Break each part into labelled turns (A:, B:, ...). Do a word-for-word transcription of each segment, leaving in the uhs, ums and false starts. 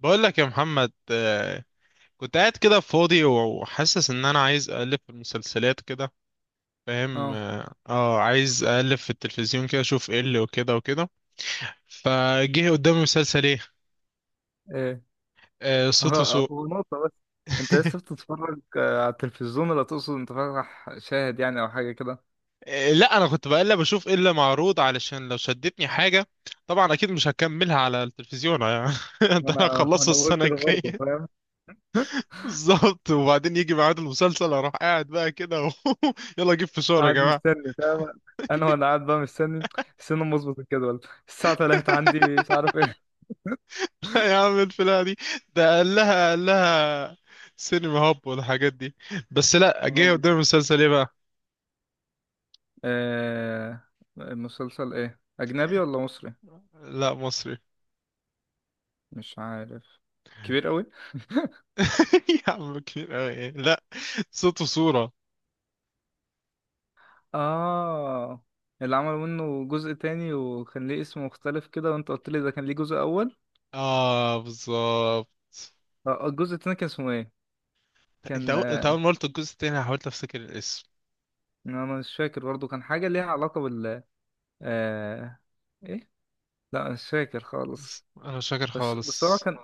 A: بقول لك يا محمد، آه، كنت قاعد كده فاضي وحاسس ان انا عايز اقلب في المسلسلات كده. فاهم؟
B: اه،
A: اه آه، عايز اقلب في التلفزيون كده اشوف ايه اللي وكده وكده. فجه قدامي مسلسل ايه،
B: ايه.
A: آه، صوت
B: هو
A: وسوق.
B: هو نقطة بس. انت لسه بتتفرج آه، على التلفزيون، ولا تقصد انت فاتح شاهد يعني او حاجة كده؟
A: آه، لا انا كنت بقلب اشوف ايه اللي معروض علشان لو شدتني حاجة. طبعا اكيد مش هكملها على التلفزيون يعني.
B: انا
A: ده انا هخلصه
B: انا بقول
A: السنة
B: كده برضه،
A: الجاية.
B: فاهم.
A: بالظبط، وبعدين يجي ميعاد المسلسل اروح قاعد بقى كده و... يلا جيب فشار يا
B: قاعد
A: جماعة.
B: مستني، فاهم. انا وانا قاعد بقى مستني، استنى أما اظبط الجدول الساعة الثالثة عندي مش عارف ايه.
A: يا عم الفلاحة دي، ده قال لها قال لها سينما هاب والحاجات دي، بس لا
B: اه
A: جه قدام
B: بالظبط.
A: المسلسل ايه بقى.
B: آه، مسلسل ايه، اجنبي ولا مصري؟
A: لا مصري.
B: مش عارف. كبير قوي.
A: يا عم كبير أوي إيه؟ لا، صوت وصورة.
B: اه، اللي عملوا منه جزء تاني وكان ليه اسم مختلف كده، وانت قلت لي ده كان ليه جزء اول.
A: اه بالظبط.
B: اه، الجزء التاني كان اسمه ايه؟
A: انت
B: كان
A: أول... انت اول
B: آه،
A: ما قلت الجزء التاني أنا حاولت افتكر الاسم.
B: انا مش فاكر برضه. كان حاجه ليها علاقه بال آه... ايه. لا، مش فاكر
A: بس
B: خالص.
A: انا مش فاكر
B: بس بس هو
A: خالص.
B: كان،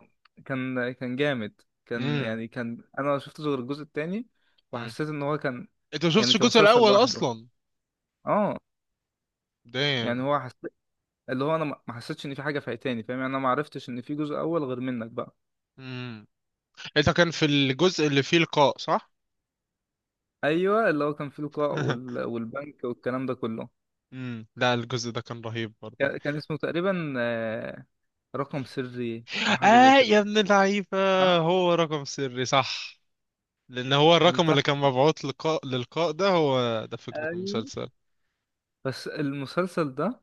B: كان كان جامد، كان
A: امم.
B: يعني، كان انا ما شفتش غير الجزء التاني
A: امم،
B: وحسيت ان هو كان،
A: انت ما
B: يعني
A: شفتش
B: كان
A: الجزء
B: مسلسل
A: الاول
B: لوحده.
A: اصلا.
B: اه، يعني
A: دايم.
B: هو حسيت، اللي هو انا ما ما حسيتش ان في حاجه فايتاني، فاهم يعني. انا ما عرفتش ان في جزء اول غير منك بقى.
A: امم، انت كان في الجزء اللي فيه لقاء صح؟
B: ايوه، اللي هو كان فيه لقاء وال... والبنك والكلام ده كله.
A: امم، لا الجزء ده كان رهيب برضو.
B: كان كان اسمه تقريبا آه، رقم سري او حاجه زي
A: آه يا
B: كده.
A: ابن اللعيبة،
B: صح،
A: هو رقم سري صح، لأن هو
B: كان
A: الرقم اللي
B: تحت.
A: كان مبعوث للقاء للقاء ده، هو ده فكرة
B: ايوه
A: المسلسل.
B: بس المسلسل ده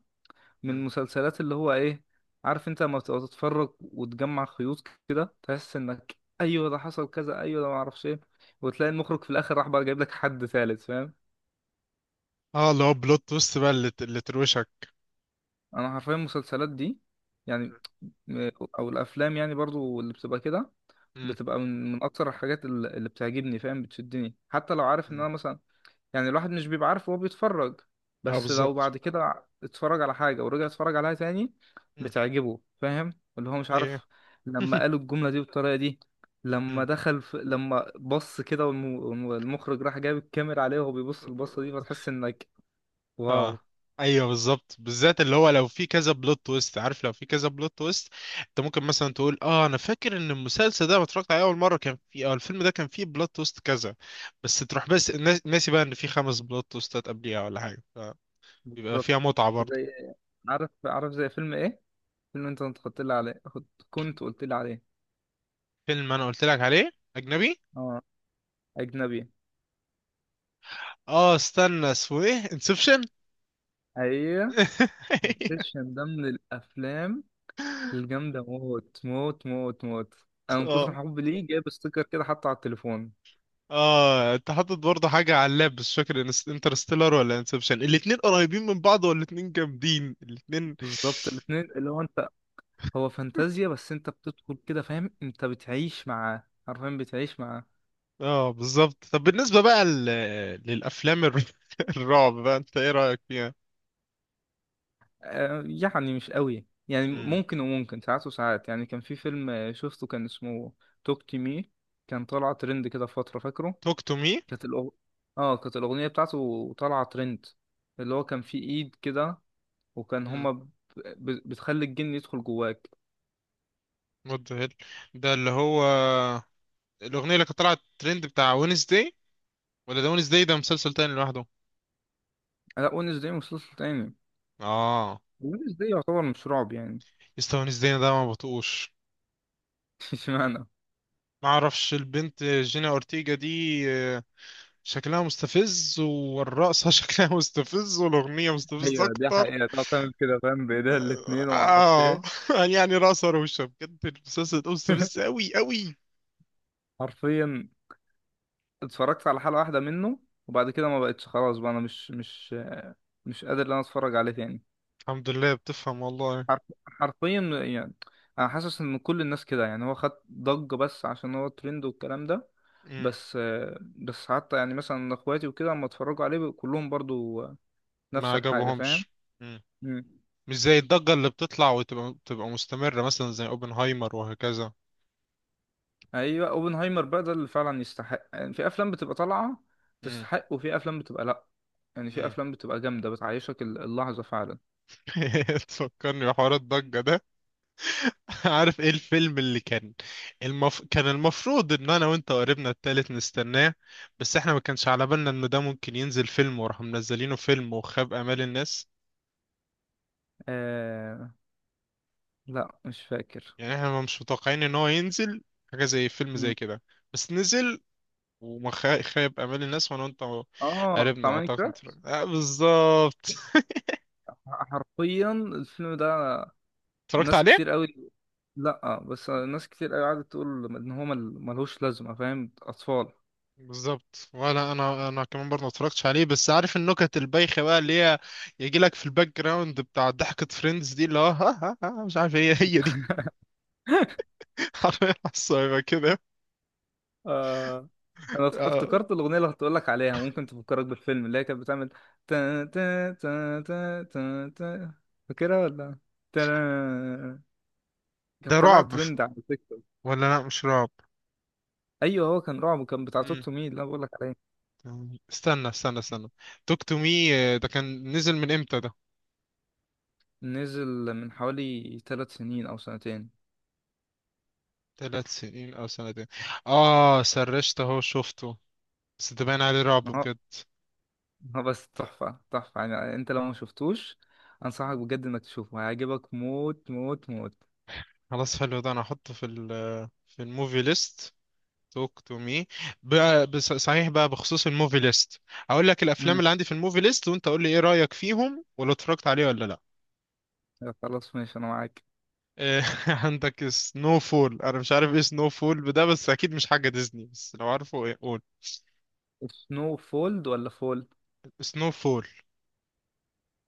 B: من
A: مم.
B: المسلسلات اللي هو ايه، عارف انت لما بتبقى تتفرج وتجمع خيوط كده، تحس انك ايوه ده حصل كذا، ايوه ده معرفش ايه، وتلاقي المخرج في الاخر راح بقى جايب لك حد ثالث، فاهم.
A: اه اللي هو بلوت تويست بقى اللي اللي تروشك.
B: انا حرفيا المسلسلات دي يعني، م- او الافلام يعني برضو اللي بتبقى كده،
A: مم.
B: بتبقى من من اكتر الحاجات اللي اللي بتعجبني، فاهم. بتشدني حتى لو عارف ان
A: مم.
B: انا مثلا، يعني الواحد مش بيبقى عارف وهو بيتفرج،
A: اه
B: بس لو
A: بالظبط.
B: بعد كده اتفرج على حاجة ورجع اتفرج عليها تاني،
A: مم.
B: بتعجبه، فاهم. اللي هو مش
A: ايوه.
B: عارف لما قالوا الجملة دي بالطريقة دي، لما دخل في... لما بص كده والم... والمخرج راح جايب الكاميرا عليه وهو بيبص البصة دي،
A: مم.
B: فتحس انك
A: اه
B: واو.
A: ايوه بالظبط، بالذات اللي هو لو في كذا بلوت تويست عارف، لو في كذا بلوت تويست انت ممكن مثلا تقول اه انا فاكر ان المسلسل ده لما اتفرجت عليه اول مره كان في اه الفيلم ده كان فيه بلوت تويست كذا، بس تروح بس الناس- ناسي بقى ان في خمس بلوت تويستات قبليها ولا حاجه. فبيبقى
B: بالظبط.
A: فيها متعه برضه.
B: زي، عارف عارف زي فيلم ايه؟ فيلم انت كنت قلت لي عليه، كنت كنت قلت لي عليه.
A: فيلم انا قلت لك عليه اجنبي.
B: اه، اجنبي.
A: اه استنى اسمه ايه، انسبشن.
B: ايوه، انسبشن. ده من الافلام الجامدة موت موت موت موت. أنا من كتر
A: اه.
B: حبي ليه جايب ستيكر كده حاطه على التليفون.
A: اه انت حاطط برضه حاجة على اللاب بس مش فاكر إنس- انترستيلر ولا انسبشن، الاتنين قريبين من بعض والاتنين جامدين الاتنين.
B: بالظبط، الاتنين اللي هو أنت. هو فانتازيا بس أنت بتدخل كده، فاهم، أنت بتعيش معاه، حرفيا بتعيش معاه.
A: اه بالظبط. طب بالنسبة بقى ل... للأفلام الر... الرعب بقى انت ايه رأيك فيها؟
B: آه يعني مش قوي يعني،
A: امم.
B: ممكن وممكن، ساعات وساعات يعني. كان في فيلم آه، شفته كان اسمه توك تو مي. كان طالع ترند كده في فترة، فاكره؟
A: توك تو مي.
B: كانت الأغ... اه كانت الأغنية بتاعته طالعة ترند. اللي هو كان فيه إيد كده، وكان
A: امم.
B: هما ب... ب- بتخلي الجن يدخل جواك.
A: وات ذا هيل، ده اللي هو الأغنية اللي كانت طلعت ترند بتاع وينزداي، ولا ده وينزداي ده مسلسل تاني لوحده؟
B: لا، ونسداي مسلسل تاني.
A: اه.
B: ونسداي يعتبر مش رعب يعني.
A: يسطا وينزداي ده ما بطقوش.
B: اشمعنى؟
A: ما اعرفش البنت جينا اورتيجا دي آه، شكلها مستفز، والرقصة شكلها مستفز، والأغنية مستفزة
B: ايوه دي
A: أكتر.
B: حقيقة تعتمد كده، فاهم، بايديها الاتنين وما اعرفش
A: آه
B: ايه.
A: يعني رقصة روشة بجد، المسلسل ده مستفز أوي أوي.
B: حرفيا، اتفرجت على حلقة واحدة منه، وبعد كده ما بقتش خلاص بقى. انا مش مش مش قادر ان انا اتفرج عليه تاني.
A: الحمد لله بتفهم والله.
B: حرف حرفيا يعني، انا حاسس ان كل الناس كده يعني، هو خد ضجة بس عشان هو ترند والكلام ده.
A: مم.
B: بس بس حتى يعني مثلا اخواتي وكده اما اتفرجوا عليه كلهم برضو
A: ما
B: نفس الحاجة، فاهم.
A: عجبهمش. مم. مش زي الضجة اللي بتطلع وتبقى تبقى مستمرة مثلا زي أوبنهايمر وهكذا.
B: ايوه، اوبنهايمر بقى ده اللي فعلا يستحق يعني. في افلام بتبقى طالعه
A: مم.
B: تستحق، وفي افلام بتبقى لا. يعني في
A: مم.
B: افلام بتبقى جامده بتعيشك ال- اللحظه فعلا.
A: تفكرني بحوار الضجة ده. عارف ايه الفيلم اللي كان، المف... كان المفروض ان انا وانت وقريبنا التالت نستناه، بس احنا ما كانش على بالنا انه ده ممكن ينزل فيلم، وراح منزلينه فيلم وخاب امال الناس.
B: آه، لا مش فاكر.
A: يعني احنا مش متوقعين ان هو ينزل حاجة زي فيلم
B: مم.
A: زي كده، بس نزل وما خا- خاب امال الناس وانا وانت.
B: اه،
A: قريبنا
B: بتاع
A: اعتقد
B: ماينكرافت.
A: اتفرجت- آه بالظبط.
B: ح- حرفيا الفيلم ده،
A: اتفرجت
B: ناس
A: عليه.
B: كتير قوي. لا بس ناس كتير قوي قعدت تقول ان هو مل- ملهوش لازمه، فاهم، اطفال.
A: بالظبط، ولا انا انا كمان برضه ما اتفرجتش عليه، بس عارف النكت البايخه بقى اللي هي يجي لك في الباك جراوند بتاع ضحكه فريندز دي، اللي هو ها ها ها مش عارف هي هي دي. حرفيا، على كده.
B: آه، انا
A: آه.
B: افتكرت الاغنيه اللي كنت لك عليها، ممكن تفكرك بالفيلم، اللي هي كانت بتعمل تا تا تا تا تا تا. فاكرها ولا؟ تا.
A: ده
B: كانت طالعه
A: رعب
B: ترند على تيك توك.
A: ولا لا مش رعب؟
B: ايوه هو كان رعب وكان بتاع توك
A: مم.
B: تو مي اللي انا بقول لك عليه.
A: استنى استنى استنى، توك تو مي ده كان نزل من امتى ده؟
B: نزل من حوالي ثلاث سنين او سنتين.
A: ثلاث سنين او سنتين. اه سرشت اهو شفته، بس ده باين عليه رعب
B: هو
A: بجد.
B: هو بس تحفه تحفه يعني. انت لو ما شفتوش انصحك بجد انك تشوفه، هيعجبك موت موت موت.
A: خلاص، حلو ده انا هحطه في ال في الموفي ليست. توك تو مي. صحيح بقى، بخصوص الموفي ليست، هقول لك الافلام
B: مم.
A: اللي عندي في الموفي ليست وانت قول لي ايه رايك فيهم، ولو اتفرجت عليه ولا لا.
B: خلاص ماشي، انا معاك.
A: إيه، عندك سنو فول. انا مش عارف ايه سنو فول ده، بس اكيد مش حاجه ديزني، بس لو عارفه ايه قول.
B: سنو فولد ولا فول؟
A: سنو فول.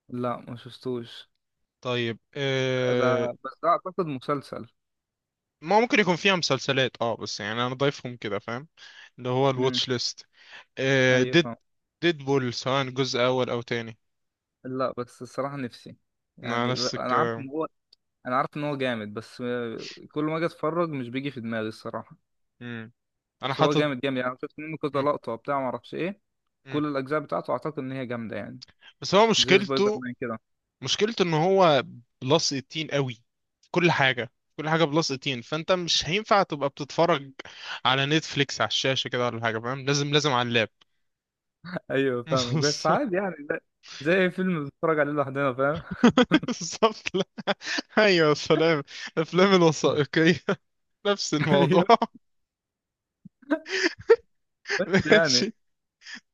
B: لا، ما شفتوش.
A: طيب إيه،
B: ده بس ده اعتقد مسلسل.
A: ما ممكن يكون فيها مسلسلات اه، بس يعني انا ضايفهم كده فاهم، اللي هو
B: امم،
A: الواتش ليست. آه،
B: ايوه،
A: ديد
B: فاهم.
A: ديدبول سواء جزء اول او تاني.
B: لا بس الصراحه، نفسي
A: مع
B: يعني، ب-
A: نفس
B: انا عارف
A: الكلام.
B: ان هو انا عارف ان هو جامد بس آه، كل ما اجي اتفرج مش بيجي في دماغي، الصراحه.
A: مم. انا
B: بس هو
A: حاطط.
B: جامد جامد يعني. أنا شفت منه كذا
A: مم.
B: لقطه وبتاع ما اعرفش ايه.
A: مم.
B: كل الاجزاء بتاعته اعتقد ان هي جامده يعني،
A: بس هو
B: زي سبايدر
A: مشكلته،
B: مان كده.
A: مشكلته ان هو بلس تمنتاشر قوي. كل حاجه، كل حاجه بلس تمنتاشر. فانت مش هينفع تبقى بتتفرج على نتفليكس على الشاشه كده ولا حاجه فاهم، لازم لازم على اللاب.
B: ايوه، فاهمك. بس عادي يعني، زي زي أي فيلم بتتفرج عليه لوحدنا، فاهم.
A: بالظبط. لا، ايوه سلام. الافلام الوثائقيه نفس الموضوع.
B: ايوه بس يعني،
A: ماشي.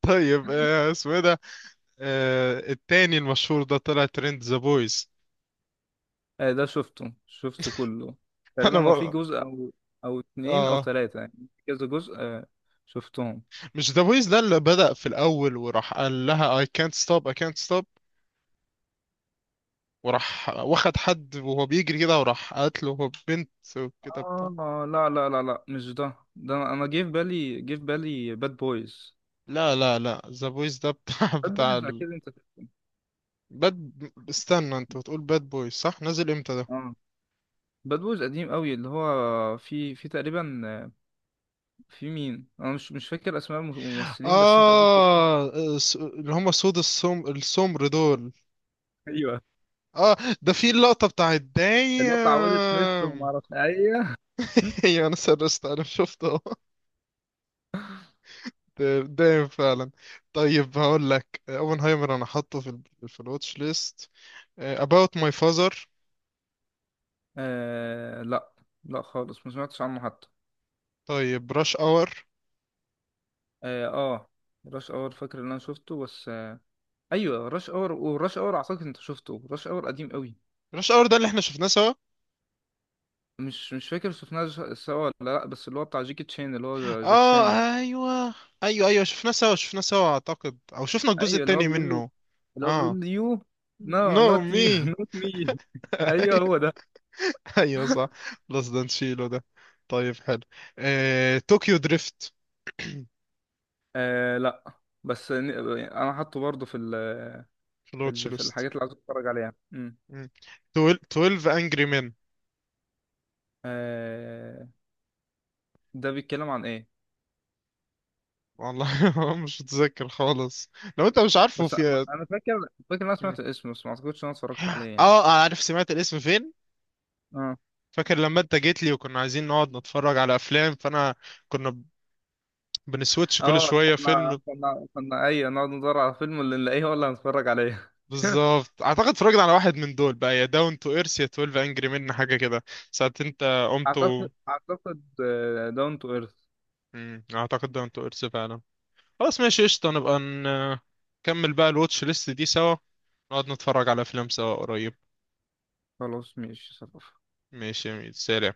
A: طيب آه، اسمه ايه ده، آه، التاني المشهور ده طلع ترند، ذا بويز.
B: آه، ده شفته شفته كله
A: انا
B: تقريبا. هو في
A: بقى.
B: جزء او او اتنين او
A: اه،
B: تلاتة يعني، في كذا جزء آه، شفتهم.
A: مش ذا بويز ده اللي بدأ في الاول وراح قال لها I can't stop I can't stop، وراح واخد حد وهو بيجري كده وراح قتله، هو بنت وكده بتاع.
B: اه، لا لا لا لا مش ده. ده انا أنا جه في بالي، جه في بالي باد بويز.
A: لا لا لا ذا بويز ده بتاع
B: باد
A: بتاع
B: بويز
A: ال...
B: اكيد انت شفته.
A: باد، استنى انت بتقول باد بويز صح، نزل امتى ده؟
B: اه، باد بويز قديم قوي، اللي هو في في تقريبا آه، في مين، انا مش مش فاكر اسماء الممثلين بس انت اكيد شفتهم.
A: اه س- اللي هم سود السم السمر دول.
B: ايوه
A: اه، ده في اللقطة بتاعت
B: اللي هو بتاع ويل سميث وما
A: دايم.
B: اعرفش، ايوه.
A: هي انا سرست انا شفته. دايم فعلا. طيب هقول لك اوبنهايمر انا حاطه في ال... في الواتش ليست. آه، about my father.
B: آه لا، لا خالص ما سمعتش عنه حتى.
A: طيب rush hour.
B: اه، آه، راش اور. فاكر ان انا شفته بس آه ايوه، راش اور. وراش اور اعتقد انت شفته، راش اور قديم قوي.
A: رش اور ده اللي احنا شفناه سوا.
B: مش مش فاكر شفناه ج- سوا ولا لا، بس اللي هو بتاع جيكي تشين اللي هو جاك شانو.
A: اه ايوه، ايوه ايوه شفناه سوا شفناه سوا اعتقد، او شفنا الجزء
B: ايوه اللي هو
A: التاني
B: بيقول له،
A: منه.
B: اللي هو
A: اه.
B: بيقول له يو نو،
A: نو
B: نوت
A: مي.
B: يو نوت مي. ايوه هو ده.
A: ايوه صح. بلس ده نشيله ده. طيب حلو. آه، طوكيو دريفت.
B: آه لا، بس ن- انا حاطه برضه في ال،
A: في
B: في
A: الواتش
B: ال في
A: ليست.
B: الحاجات اللي عايز اتفرج عليها. امم
A: مم. 12 اتناشر انجري مان.
B: آه ده بيتكلم عن ايه؟
A: والله مش متذكر خالص. لو انت مش عارفه
B: بس انا،
A: في.
B: انا فاكر، فاكر ان انا
A: مم.
B: سمعت اسمه، بس ما اعتقدش ان انا اتفرجت عليه يعني.
A: اه عارف سمعت الاسم فين؟
B: اه.
A: فاكر لما انت جيت لي وكنا عايزين نقعد نتفرج على افلام، فانا كنا بنسويتش كل
B: اه،
A: شوية
B: كنا
A: فيلم.
B: كنا كنا ايوه نقعد ندور على فيلم، اللي نلاقيه هو اللي هنتفرج عليه.
A: بالظبط، اعتقد اتفرجت على واحد من دول بقى، يا داون تو ايرث يا اتناشر انجري من حاجة كده، ساعة انت قمت و...
B: اعتقد، اعتقد داون تو ايرث.
A: مم، اعتقد داون تو ايرث فعلا. خلاص ماشي قشطة، نبقى ن- نكمل بقى الواتش ليست دي سوا، نقعد نتفرج على افلام سوا قريب.
B: خلاص ماشي، صرف.
A: ماشي يا ميت سلام.